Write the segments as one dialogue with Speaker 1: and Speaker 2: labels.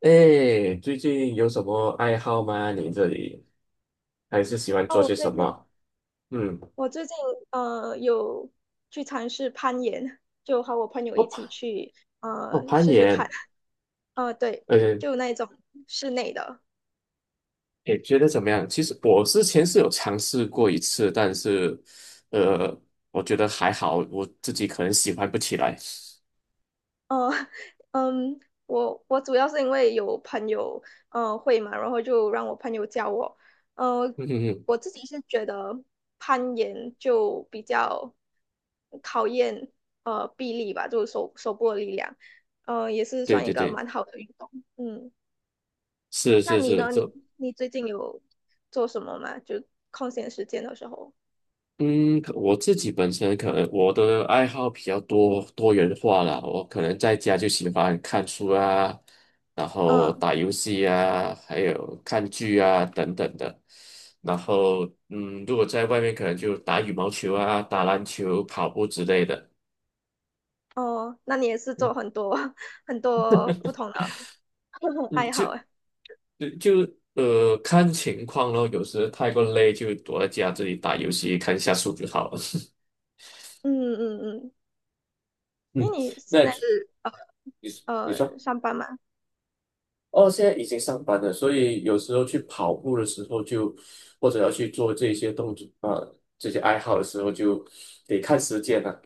Speaker 1: 哎，最近有什么爱好吗？你这里还是喜欢做
Speaker 2: 哦，我
Speaker 1: 些
Speaker 2: 最
Speaker 1: 什
Speaker 2: 近
Speaker 1: 么？嗯，
Speaker 2: 我最近有去尝试攀岩，就和我朋友
Speaker 1: 我
Speaker 2: 一起
Speaker 1: 攀
Speaker 2: 去
Speaker 1: 我攀
Speaker 2: 试试看。
Speaker 1: 岩，
Speaker 2: 对，
Speaker 1: 呃，
Speaker 2: 就那种室内的。
Speaker 1: 也觉得怎么样？其实我之前是有尝试过一次，但是，呃，我觉得还好，我自己可能喜欢不起来。
Speaker 2: 呃 嗯，我主要是因为有朋友会嘛，然后就让我朋友教我。呃
Speaker 1: 嗯哼哼，
Speaker 2: 我自己是觉得攀岩就比较考验臂力吧，就是手部的力量。也是
Speaker 1: 对
Speaker 2: 算一
Speaker 1: 对
Speaker 2: 个
Speaker 1: 对，
Speaker 2: 蛮好的运动。嗯。
Speaker 1: 是
Speaker 2: 那
Speaker 1: 是
Speaker 2: 你
Speaker 1: 是，
Speaker 2: 呢？
Speaker 1: 这
Speaker 2: 你最近有做什么吗？就空闲时间的时候。
Speaker 1: 嗯，可我自己本身可能我的爱好比较多元化啦，我可能在家就喜欢看书啊，然后
Speaker 2: 嗯。
Speaker 1: 打游戏啊，还有看剧啊等等的。然后，嗯，如果在外面可能就打羽毛球啊、打篮球、跑步之类的。
Speaker 2: 哦，那你也是
Speaker 1: 嗯
Speaker 2: 做很多 很多不同的 不同
Speaker 1: 嗯，
Speaker 2: 爱
Speaker 1: 就
Speaker 2: 好哎。
Speaker 1: 呃就呃看情况咯，有时太过累就躲在家这里打游戏看一下书就好了。
Speaker 2: 嗯嗯嗯，
Speaker 1: 嗯，
Speaker 2: 因为你现
Speaker 1: 那
Speaker 2: 在是
Speaker 1: 你你说。
Speaker 2: 上班嘛。
Speaker 1: 哦，现在已经上班了，所以有时候去跑步的时候就，或者要去做这些动作啊、这些爱好的时候就得看时间了、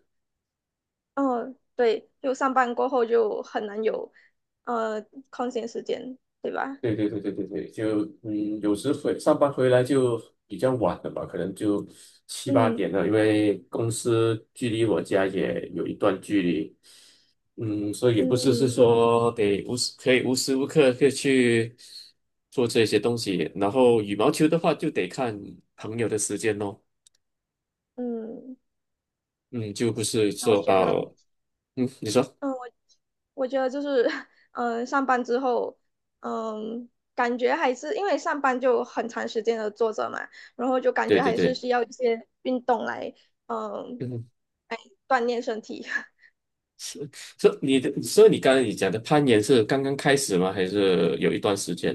Speaker 2: 哦，对，就上班过后就很难有呃空闲时间，对吧？
Speaker 1: 对对对对对对，就嗯，有时回上班回来就比较晚了吧，可能就七八点
Speaker 2: 嗯
Speaker 1: 了，因为公司距离我家也有一段距离，嗯，所以也不是是
Speaker 2: 嗯
Speaker 1: 说得无时无刻可以去做这些东西，然后羽毛球的话就得看朋友的时间咯。
Speaker 2: 嗯。
Speaker 1: 嗯，就不是
Speaker 2: 那我
Speaker 1: 说
Speaker 2: 觉得，
Speaker 1: 嗯，你说，
Speaker 2: 嗯。我觉得就是，嗯，上班之后，嗯，感觉还是因为上班就很长时间的坐着嘛，然后就感
Speaker 1: 对
Speaker 2: 觉
Speaker 1: 对
Speaker 2: 还是
Speaker 1: 对，
Speaker 2: 需要一些运动来，嗯，
Speaker 1: 嗯，
Speaker 2: 锻炼身体。
Speaker 1: 是是你的，所以你刚才你讲的攀岩是刚刚开始吗？还是有一段时间？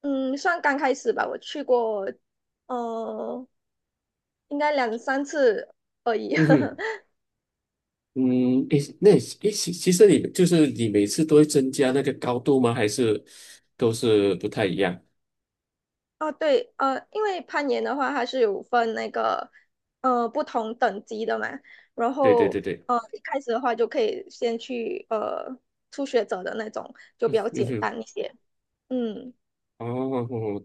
Speaker 2: 嗯，算刚开始吧，我去过，嗯，应该两三次而已。
Speaker 1: 嗯 哼，嗯，诶，那诶，其实你就是你每次都会增加那个高度吗？还是都是不太一样？
Speaker 2: 啊，对，因为攀岩的话，它是有分那个不同等级的嘛，然
Speaker 1: 对对对
Speaker 2: 后
Speaker 1: 对，
Speaker 2: 一开始的话就可以先去初学者的那种，就比较
Speaker 1: 嗯
Speaker 2: 简
Speaker 1: 哼，
Speaker 2: 单一些。嗯。
Speaker 1: 哦，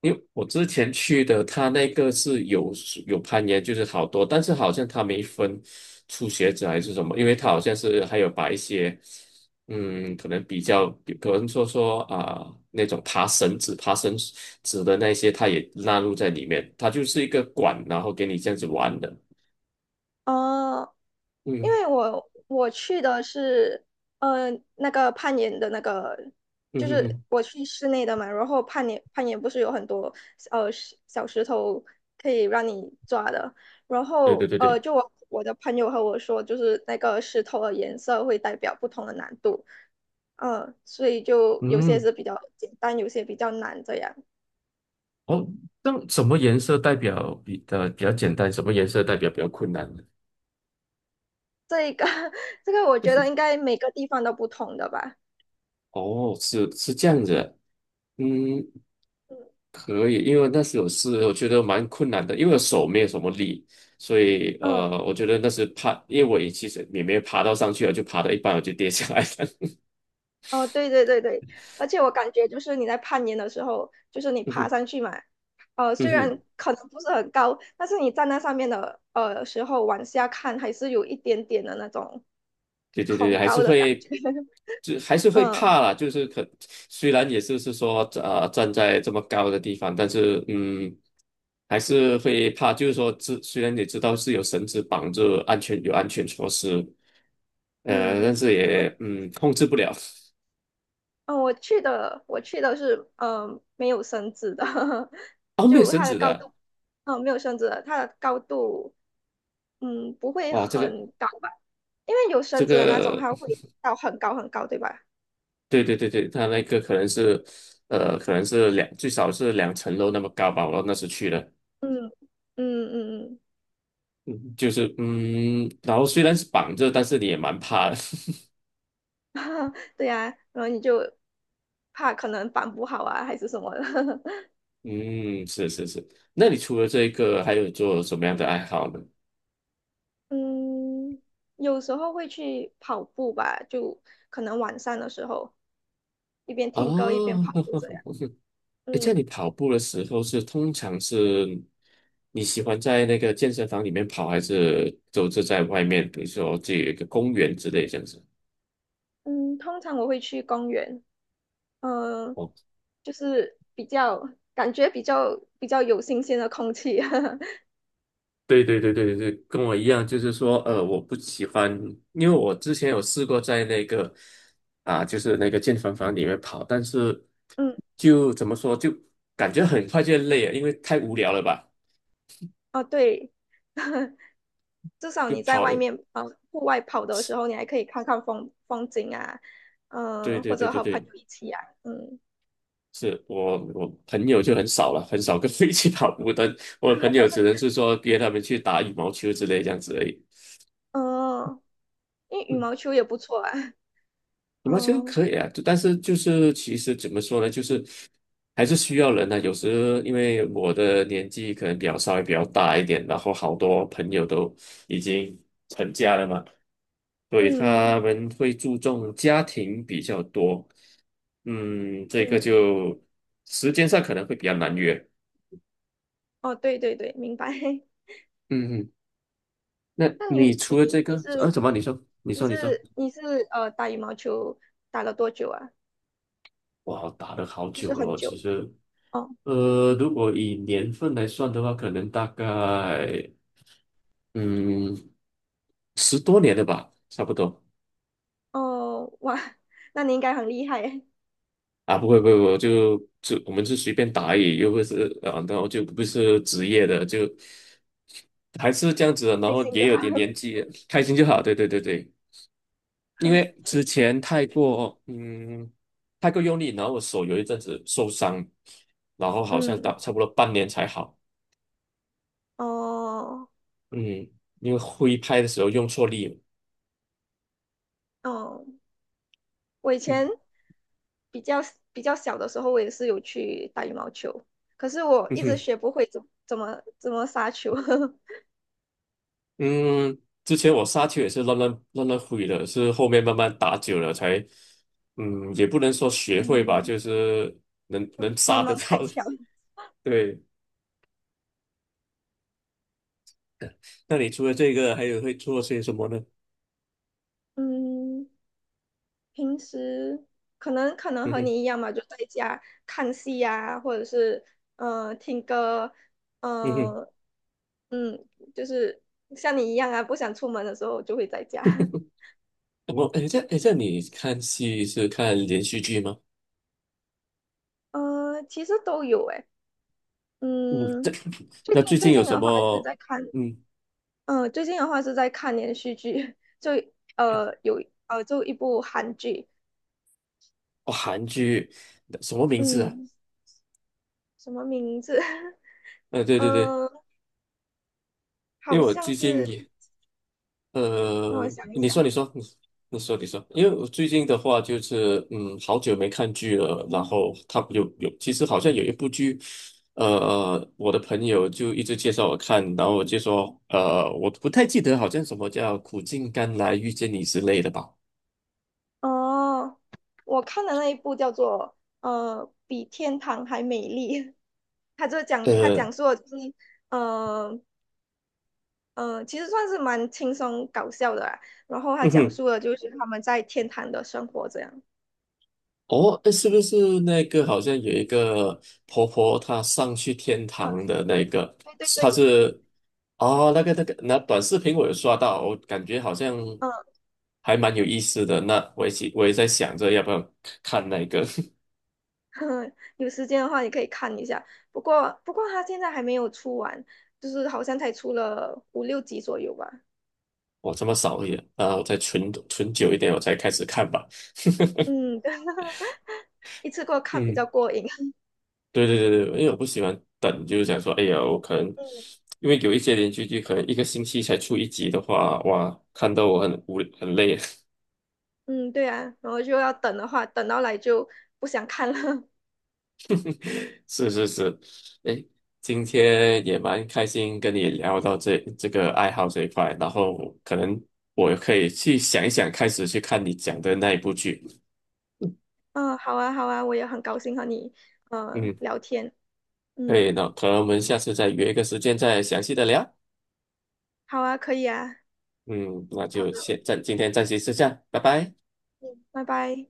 Speaker 1: 因为我之前去的，他那个是有攀岩，就是好多，但是好像他没分初学者还是什么，因为他好像是还有把一些，嗯，可能比较，可能说说啊、那种爬绳子的那些，他也纳入在里面，它就是一个管，然后给你这样子玩的。
Speaker 2: 哦，因
Speaker 1: 嗯
Speaker 2: 为我去的是，呃，那个攀岩的那个，
Speaker 1: 嗯
Speaker 2: 就
Speaker 1: 嗯
Speaker 2: 是
Speaker 1: 嗯，
Speaker 2: 我去室内的嘛，然后攀岩不是有很多小石头可以让你抓的，然
Speaker 1: 对对
Speaker 2: 后，
Speaker 1: 对对，
Speaker 2: 就我的朋友和我说，就是那个石头的颜色会代表不同的难度。嗯，所以就有些
Speaker 1: 嗯，
Speaker 2: 是比较简单，有些比较难这样。
Speaker 1: 哦，那什么颜色代表比较简单，什么颜色代表比较困难呢？
Speaker 2: 这个我觉得应该每个地方都不同的吧。
Speaker 1: 哦，是是这样子的嗯，
Speaker 2: 嗯
Speaker 1: 可以，因为那时有事，我觉得蛮困难的，因为我手没有什么力，所以
Speaker 2: 嗯。
Speaker 1: 我觉得那是怕，因为我也其实也没爬到上去了，就爬到一半我就跌下来了。
Speaker 2: 哦，对对对对，而且我感觉就是你在攀岩的时候，就是你
Speaker 1: 嗯
Speaker 2: 爬
Speaker 1: 哼，
Speaker 2: 上去嘛，
Speaker 1: 嗯
Speaker 2: 虽然
Speaker 1: 哼，
Speaker 2: 可能不是很高，但是你站在上面的时候往下看，还是有一点点的那种
Speaker 1: 对对对，
Speaker 2: 恐
Speaker 1: 还是
Speaker 2: 高的感觉。
Speaker 1: 会，就 还是会
Speaker 2: 嗯
Speaker 1: 怕啦，就是虽然也是说站在这么高的地方，但是嗯，还是会怕，就是说虽然你知道是有绳子绑住有安全措施，但
Speaker 2: 嗯。
Speaker 1: 是
Speaker 2: 哦
Speaker 1: 也控制不了。
Speaker 2: 哦，我去的是没有绳子的。
Speaker 1: 哦，没有
Speaker 2: 就
Speaker 1: 绳
Speaker 2: 它的
Speaker 1: 子
Speaker 2: 高
Speaker 1: 的。
Speaker 2: 度，没有绳子的，它的高度，不会
Speaker 1: 哇，这个
Speaker 2: 很高吧？因为有
Speaker 1: 这
Speaker 2: 绳子的那种，
Speaker 1: 个，
Speaker 2: 它会到很高很高，对吧？
Speaker 1: 对对对对，它那个可能是，可能是两，最少是两层楼那么高吧。我那时去的，
Speaker 2: 嗯嗯嗯
Speaker 1: 就是然后虽然是绑着，但是你也蛮怕的。
Speaker 2: 嗯，对呀，然后你就怕可能绑不好啊，还是什么的。
Speaker 1: 嗯，是是是。那你除了这个，还有做什么样的爱好呢？
Speaker 2: 嗯，有时候会去跑步吧，就可能晚上的时候，一边听歌一边
Speaker 1: 哦，
Speaker 2: 跑步这样。
Speaker 1: 诶这样你
Speaker 2: 嗯
Speaker 1: 跑步的时候通常是你喜欢在那个健身房里面跑，还是都是在外面，比如说这有一个公园之类这样子？
Speaker 2: 嗯。通常我会去公园，嗯、
Speaker 1: 哦。
Speaker 2: 就是比较感觉比较有新鲜的空气。
Speaker 1: 对对对对对，对，跟我一样，就是说，我不喜欢，因为我之前有试过在那个啊，就是那个健身房里面跑，但是
Speaker 2: 嗯，
Speaker 1: 就怎么说，就感觉很快就累了，因为太无聊了吧，
Speaker 2: 哦对，至少
Speaker 1: 就
Speaker 2: 你在
Speaker 1: 跑。
Speaker 2: 外面户外跑的时候，你还可以看看风景啊，
Speaker 1: 对对
Speaker 2: 或
Speaker 1: 对
Speaker 2: 者
Speaker 1: 对
Speaker 2: 和朋
Speaker 1: 对，
Speaker 2: 友一起啊。嗯。
Speaker 1: 是我朋友就很少了，很少跟 我一起跑步的，我的朋友只能是说约他们去打羽毛球之类这样子而已。
Speaker 2: 哦，因为羽
Speaker 1: 嗯。
Speaker 2: 毛球也不错啊。
Speaker 1: 羽毛球
Speaker 2: 哦。
Speaker 1: 可以啊，就但是就是其实怎么说呢，就是还是需要人呢、有时因为我的年纪可能稍微比较大一点，然后好多朋友都已经成家了嘛，所以
Speaker 2: 嗯
Speaker 1: 他们会注重家庭比较多。嗯，这个
Speaker 2: 嗯。
Speaker 1: 就时间上可能会比较难约。
Speaker 2: 哦对对对，明白。
Speaker 1: 嗯，嗯，那
Speaker 2: 那
Speaker 1: 你除了这个，
Speaker 2: 你
Speaker 1: 啊，
Speaker 2: 是
Speaker 1: 怎么你说？你
Speaker 2: 你
Speaker 1: 说，
Speaker 2: 是
Speaker 1: 你说。
Speaker 2: 你是打羽毛球打了多久啊？
Speaker 1: 哇，打了好
Speaker 2: 就
Speaker 1: 久
Speaker 2: 是
Speaker 1: 了
Speaker 2: 很
Speaker 1: 哦，其
Speaker 2: 久。
Speaker 1: 实，
Speaker 2: 哦
Speaker 1: 如果以年份来算的话，可能大概嗯十多年了吧，差不多
Speaker 2: 哦哇，那你应该很厉害耶。
Speaker 1: 啊，不会不会，我就我们是随便打而已，又不是啊，然后就不是职业的，就还是这样子的，然
Speaker 2: 开
Speaker 1: 后
Speaker 2: 心
Speaker 1: 也
Speaker 2: 就
Speaker 1: 有
Speaker 2: 好。
Speaker 1: 点年 纪，开心就好，对对对对，因为之前太过用力，然后我手有一阵子受伤，然后好像打
Speaker 2: 嗯。
Speaker 1: 差不多半年才好。
Speaker 2: 哦
Speaker 1: 嗯，因为挥拍的时候用错力了。
Speaker 2: 哦。我以
Speaker 1: 嗯
Speaker 2: 前比较比较小的时候，我也是有去打羽毛球，可是我
Speaker 1: 嗯
Speaker 2: 一直
Speaker 1: 哼，
Speaker 2: 学不会怎么杀球。
Speaker 1: 嗯，之前我杀球也是乱挥的，是后面慢慢打久了才，嗯，也不能说学会吧，
Speaker 2: 嗯，
Speaker 1: 就是能
Speaker 2: 慢
Speaker 1: 杀得
Speaker 2: 慢开
Speaker 1: 到。
Speaker 2: 窍。
Speaker 1: 对，那你除了这个，还有会做些什么呢？
Speaker 2: 嗯，平时可能
Speaker 1: 嗯
Speaker 2: 和
Speaker 1: 哼
Speaker 2: 你一样嘛，就在家看戏呀，或者是听歌。
Speaker 1: 嗯
Speaker 2: 呃嗯，就是像你一样啊，不想出门的时候就会在家。
Speaker 1: 哼，我哎，这你看戏是看连续剧吗？
Speaker 2: 其实都有诶。
Speaker 1: 嗯，
Speaker 2: 嗯。最
Speaker 1: 那
Speaker 2: 近
Speaker 1: 最
Speaker 2: 最
Speaker 1: 近有
Speaker 2: 近
Speaker 1: 什
Speaker 2: 的话是
Speaker 1: 么？
Speaker 2: 在看
Speaker 1: 嗯，
Speaker 2: 嗯，最近的话是在看连续剧。就呃有就一部韩剧。
Speaker 1: 哦，韩剧什么名字啊？
Speaker 2: 嗯，什么名字？
Speaker 1: 对对对，
Speaker 2: 嗯，
Speaker 1: 因
Speaker 2: 好
Speaker 1: 为我
Speaker 2: 像
Speaker 1: 最近
Speaker 2: 是，
Speaker 1: 也。
Speaker 2: 让我想一
Speaker 1: 你说，
Speaker 2: 想。
Speaker 1: 你说，你说，你说，因为我最近的话就是，嗯，好久没看剧了，然后他就有，其实好像有一部剧，我的朋友就一直介绍我看，然后我就说，我不太记得，好像什么叫《苦尽甘来遇见你》之类的吧，
Speaker 2: 哦，我看的那一部叫做《比天堂还美丽》。它
Speaker 1: 呃，
Speaker 2: 讲述的就是呃其实算是蛮轻松搞笑的啦。然后它
Speaker 1: 嗯
Speaker 2: 讲
Speaker 1: 哼。
Speaker 2: 述的就是他们在天堂的生活这样。
Speaker 1: 哦，诶是不是那个好像有一个婆婆，她上去天
Speaker 2: 嗯，
Speaker 1: 堂的那个，
Speaker 2: 对对
Speaker 1: 她
Speaker 2: 对。
Speaker 1: 是哦，那个，那短视频我有刷到，我感觉好像还蛮有意思的。那我也在想着要不要看那个，
Speaker 2: 有时间的话，你可以看一下。不过他现在还没有出完，就是好像才出了五六集左右吧。
Speaker 1: 我这么少也啊，我再存存久一点，我才开始看吧。
Speaker 2: 嗯，对，一次过看比较
Speaker 1: 嗯，
Speaker 2: 过瘾。
Speaker 1: 对对对对，因为我不喜欢等，就是想说，哎呀，我可能
Speaker 2: 嗯
Speaker 1: 因为有一些连续剧可能一个星期才出一集的话，哇，看到我很无很累。
Speaker 2: 嗯，对啊，然后就要等的话，等到来就不想看了。
Speaker 1: 是是是，哎，今天也蛮开心跟你聊到这个爱好这一块，然后可能我可以去想一想，开始去看你讲的那一部剧。
Speaker 2: 嗯，好啊，好啊，我也很高兴和你
Speaker 1: 嗯，
Speaker 2: 聊天。
Speaker 1: 可以
Speaker 2: 嗯，
Speaker 1: 那可能我们下次再约一个时间再详细的聊。
Speaker 2: 好啊，可以啊，
Speaker 1: 嗯，那
Speaker 2: 好
Speaker 1: 就
Speaker 2: 的，
Speaker 1: 今天暂时是这样，拜拜。
Speaker 2: 嗯，拜拜。